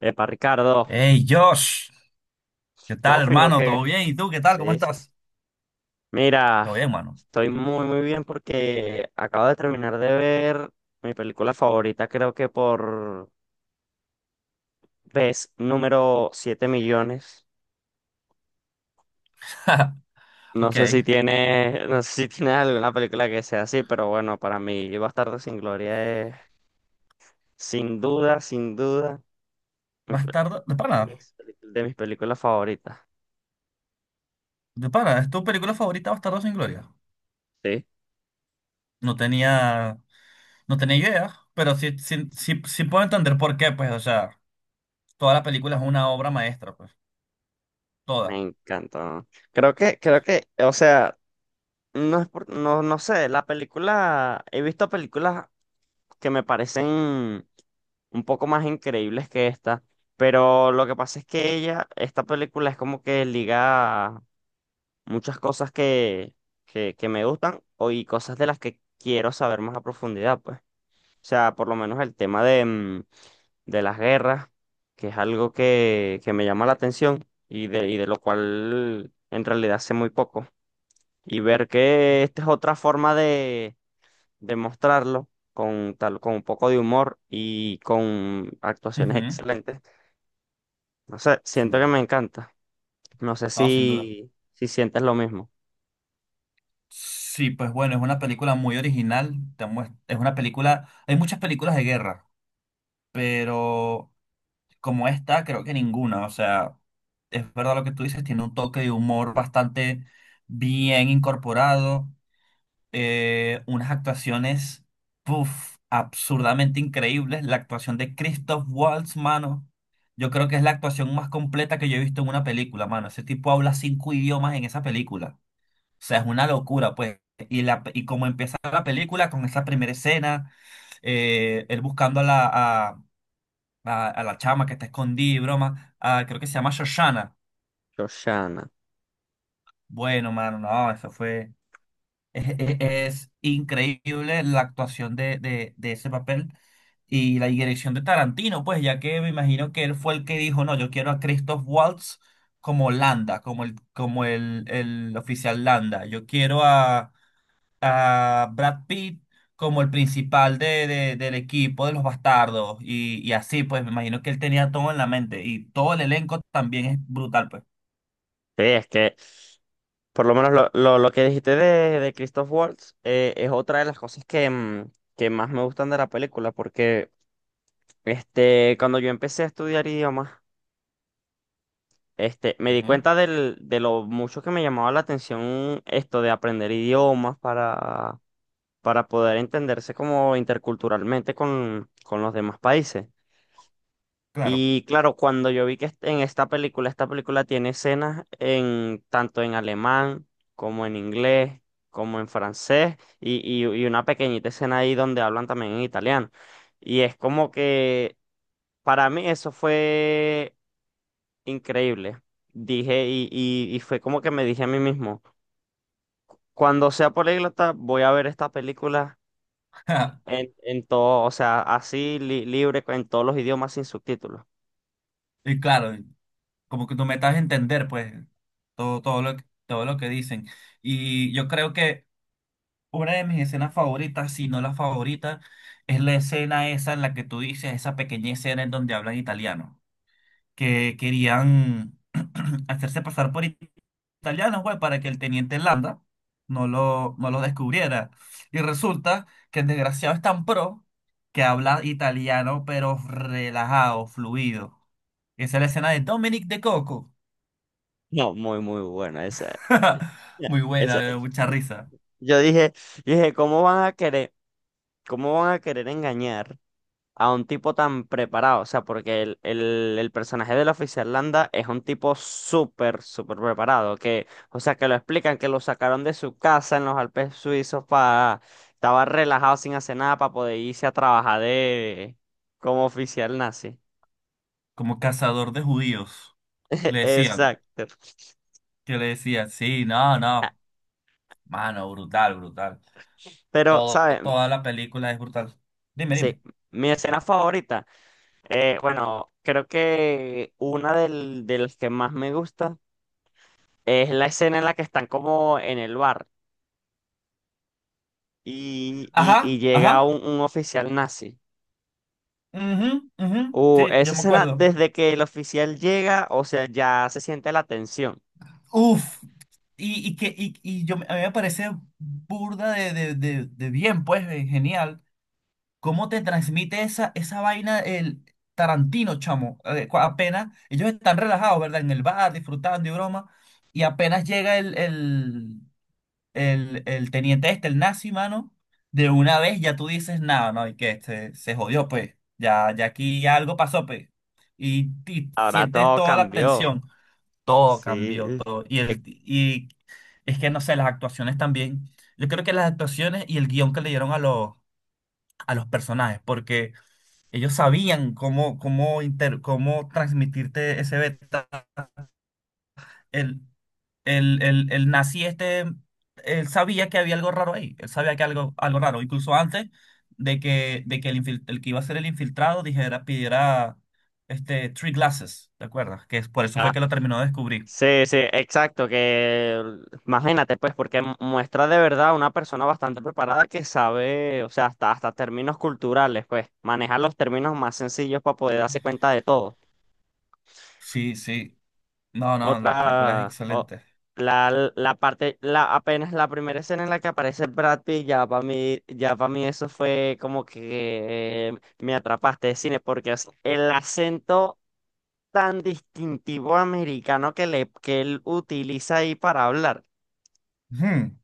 Epa, Ricardo, Hey Josh, ¿qué tal ¿todo fino hermano? que ¿Todo bien? ¿Y tú qué tal? ¿Cómo sí, sí? estás? Mira, Todo bien, mano. estoy muy bien porque acabo de terminar de ver mi película favorita, creo que por vez número 7 millones. No Ok. sé si tiene, no sé si tiene alguna película que sea así, pero bueno, para mí Bastardo sin Gloria es, sin duda, mi pe- Bastardo, mis peli- de mis películas favoritas. de pana, ¿es tu película favorita Bastardo sin Gloria? Sí. No tenía, no tenía idea, pero sí, sí, sí, sí puedo entender por qué, pues, o sea, toda la película es una obra maestra, pues, toda. Me encantó. Creo que, o sea. No, no sé, la película, he visto películas que me parecen un poco más increíbles que esta, pero lo que pasa es que ella, esta película es como que liga muchas cosas que me gustan o, y cosas de las que quiero saber más a profundidad, pues. O sea, por lo menos el tema de, de las guerras, que es algo que me llama la atención y de lo cual en realidad sé muy poco. Y ver que esta es otra forma de demostrarlo con tal, con un poco de humor y con actuaciones Ujú. excelentes. No sé, Sin siento que duda, me encanta. No sé no, sin duda. si, si sientes lo mismo. Sí, pues bueno, es una película muy original, es una película, hay muchas películas de guerra, pero como esta, creo que ninguna. O sea, es verdad lo que tú dices, tiene un toque de humor bastante bien incorporado, unas actuaciones, puff, absurdamente increíbles. La actuación de Christoph Waltz, mano, yo creo que es la actuación más completa que yo he visto en una película, mano. Ese tipo habla cinco idiomas en esa película. O sea, es una locura, pues. Y como empieza la película con esa primera escena, él buscando a a la chama que está escondida y broma. Ah, creo que se llama Shoshana. Shoshana. Bueno, mano, no, eso fue. Es increíble la actuación de ese papel y la dirección de Tarantino, pues, ya que me imagino que él fue el que dijo, no, yo quiero a Christoph Waltz como Landa, el oficial Landa. Yo quiero a. A Brad Pitt como el principal del equipo de los bastardos y así, pues me imagino que él tenía todo en la mente y todo el elenco también es brutal, pues. Sí, es que por lo menos lo que dijiste de Christoph Waltz es otra de las cosas que, que más me gustan de la película, porque este, cuando yo empecé a estudiar idiomas, este, me di Ujú. cuenta del, de lo mucho que me llamaba la atención esto de aprender idiomas para poder entenderse como interculturalmente con los demás países. Claro. Y claro, cuando yo vi que en esta película tiene escenas en tanto en alemán como en inglés, como en francés, y una pequeñita escena ahí donde hablan también en italiano. Y es como que para mí eso fue increíble. Dije, y fue como que me dije a mí mismo, cuando sea políglota, voy a ver esta película en todo, o sea, así libre en todos los idiomas sin subtítulos. Y claro, como que tú me estás a entender, pues, todo, todo lo que dicen. Y yo creo que una de mis escenas favoritas, si no la favorita, es la escena esa en la que tú dices, esa pequeña escena en donde hablan italiano, que querían hacerse pasar por italianos, güey, para que el teniente Landa no lo descubriera. Y resulta que el desgraciado es tan pro que habla italiano, pero relajado, fluido. Esa es la escena de Dominic de Coco. No, muy buena esa, Muy buena, esa. me dio mucha risa. Yo dije, yo dije, ¿cómo van a querer, cómo van a querer engañar a un tipo tan preparado? O sea, porque el personaje de la oficial Landa es un tipo súper preparado. Que, o sea, que lo explican, que lo sacaron de su casa en los Alpes suizos para, estaba relajado sin hacer nada para poder irse a trabajar de como oficial nazi. Como cazador de judíos. Le decían, Exacto. que le decían, sí, no, no. Mano, brutal, brutal. Pero, Todo, ¿sabes? toda la película es brutal. Dime, Sí, dime. mi escena favorita, bueno, creo que una de las que más me gusta es la escena en la que están como en el bar y, Ajá, y llega ajá, un oficial nazi. ujú, ujú, sí, yo Esa me escena, acuerdo. desde que el oficial llega, o sea, ya se siente la tensión. Uf, y, yo, a mí me parece burda de bien, pues, genial. ¿Cómo te transmite esa, esa vaina el Tarantino, chamo? Apenas, ellos están relajados, ¿verdad? En el bar, disfrutando y broma, y apenas llega el teniente este, el nazi, mano, de una vez ya tú dices, nada, no, y que este, se jodió, pues, ya, ya aquí algo pasó, pues, y Ahora sientes todo toda la cambió. tensión. Todo cambió, Sí. todo. Y es que, no sé, las actuaciones también. Yo creo que las actuaciones y el guión que le dieron a los personajes, porque ellos sabían cómo, cómo transmitirte ese beta. El, el nazi este, él sabía que había algo raro ahí, él sabía que algo, algo raro, incluso antes de que el que iba a ser el infiltrado dijera, pidiera three glasses, ¿te acuerdas? Que es, por eso fue que lo terminó de descubrir. Sí, sí, exacto, que imagínate pues, porque muestra de verdad una persona bastante preparada que sabe, o sea, hasta términos culturales, pues, manejar los términos más sencillos para poder darse cuenta de todo. Sí, sí. No, no, la película es Otra, o- excelente. la, la parte, la, apenas la primera escena en la que aparece Brad Pitt, ya para mí eso fue como que me atrapaste de cine, porque es el acento tan distintivo americano que, le, que él utiliza ahí para hablar. Ujú.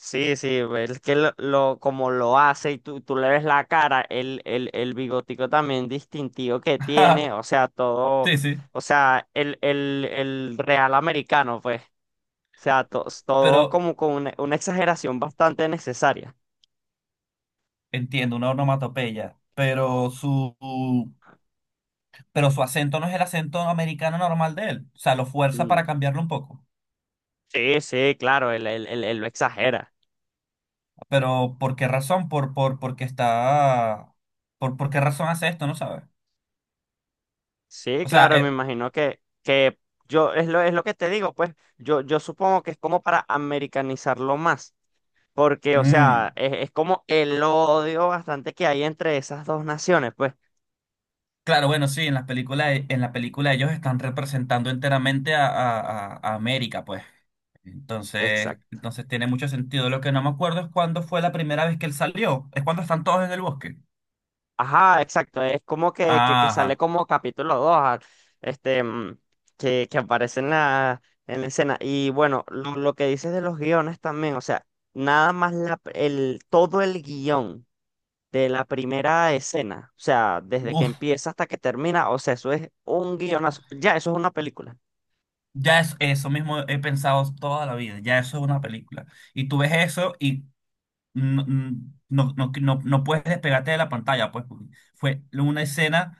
Sí, sí, es que como lo hace y tú le ves la cara, el bigotico también distintivo que tiene, o sea, todo, Sí, sí, o sea, el real americano, pues, o sea, todo pero como con una exageración bastante necesaria. entiendo, una onomatopeya, pero pero su acento no es el acento americano normal de él, o sea, lo fuerza para Mm. cambiarlo un poco. Sí, sí, claro, él lo exagera. Pero ¿por qué razón? Porque está, ¿por qué razón hace esto? No sabe. Sí, O sea, claro, me eh, imagino que yo, es lo que te digo, pues, yo supongo que es como para americanizarlo más. Porque, o mm, sea, es como el odio bastante que hay entre esas dos naciones, pues. claro, bueno, sí, en las películas, en la película ellos están representando enteramente a, a América, pues. Exacto. Entonces tiene mucho sentido. Lo que no me acuerdo es cuándo fue la primera vez que él salió. Es cuando están todos en el bosque. Ajá, exacto. Es como que, que sale Ajá. como capítulo 2 este, que aparece en la escena. Y bueno, lo que dices de los guiones también, o sea, nada más la, el, todo el guión de la primera escena, o sea, desde que Uf, empieza hasta que termina, o sea, eso es un guionazo. Ya, eso es una película. ya es eso mismo he pensado toda la vida. Ya eso es una película. Y tú ves eso y no, no, no, no, no puedes despegarte de la pantalla, pues, porque fue una escena,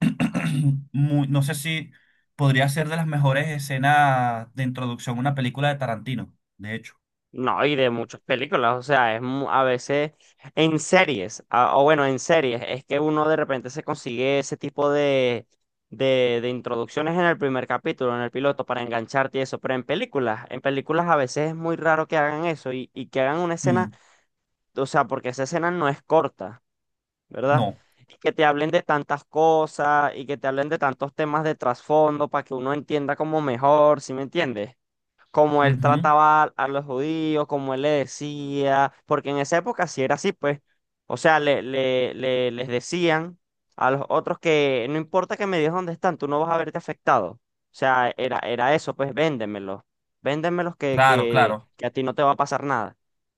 muy, no sé si podría ser de las mejores escenas de introducción a una película de Tarantino, de hecho. No, y de muchas películas, o sea, es a veces en series, o bueno, en series, es que uno de repente se consigue ese tipo de, de introducciones en el primer capítulo, en el piloto, para engancharte y eso, pero en películas a veces es muy raro que hagan eso y que hagan una escena, Mm, o sea, porque esa escena no es corta, ¿verdad? no. Y que te hablen de tantas cosas y que te hablen de tantos temas de trasfondo para que uno entienda como mejor, ¿sí me entiendes? Cómo él Ujú. trataba a los judíos, cómo él le decía, porque en esa época sí era así, pues, o sea, le, les decían a los otros que no importa que me digas dónde están, tú no vas a verte afectado. O sea, era, era eso, pues véndemelos, véndemelos que, Claro, que, claro. que a ti no te va a pasar nada.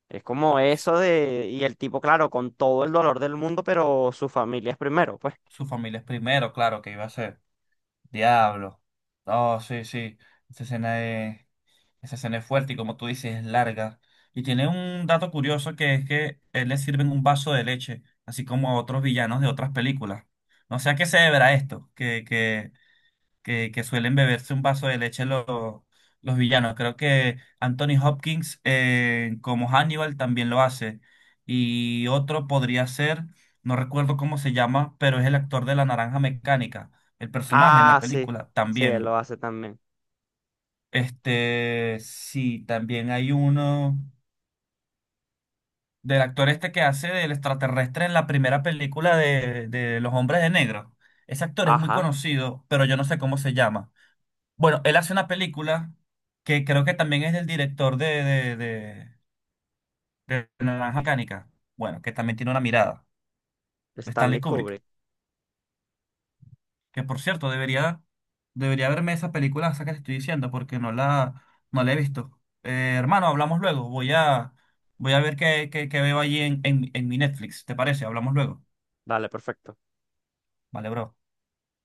Es como eso de, y el tipo, claro, con todo el dolor del mundo, pero su familia es primero, pues. Su familia es primero, claro, que iba a ser. Diablo. Oh, sí, sí. Esa escena es, Esa escena es fuerte y como tú dices, es larga. Y tiene un dato curioso que es que él le sirven un vaso de leche, así como a otros villanos de otras películas. No sé a qué se deberá esto, que suelen beberse un vaso de leche los villanos. Creo que Anthony Hopkins como Hannibal también lo hace. Y otro podría ser, no recuerdo cómo se llama, pero es el actor de La Naranja Mecánica, el personaje en la Ah, sí, película sí, él lo también. hace también. Este, sí, también hay uno del actor este que hace del extraterrestre en la primera película de Los Hombres de Negro. Ese actor es muy Ajá, conocido, pero yo no sé cómo se llama. Bueno, él hace una película que creo que también es del director de, de, de Naranja Mecánica. Bueno, que también tiene una mirada. Stanley Stanley Kubrick. Kubrick. Que por cierto, debería, debería verme esa película, esa que te estoy diciendo, porque no la, no la he visto. Hermano, hablamos luego. Voy a, voy a ver qué, qué, qué veo allí en mi Netflix. ¿Te parece? Hablamos luego. Dale, perfecto. Vale, bro.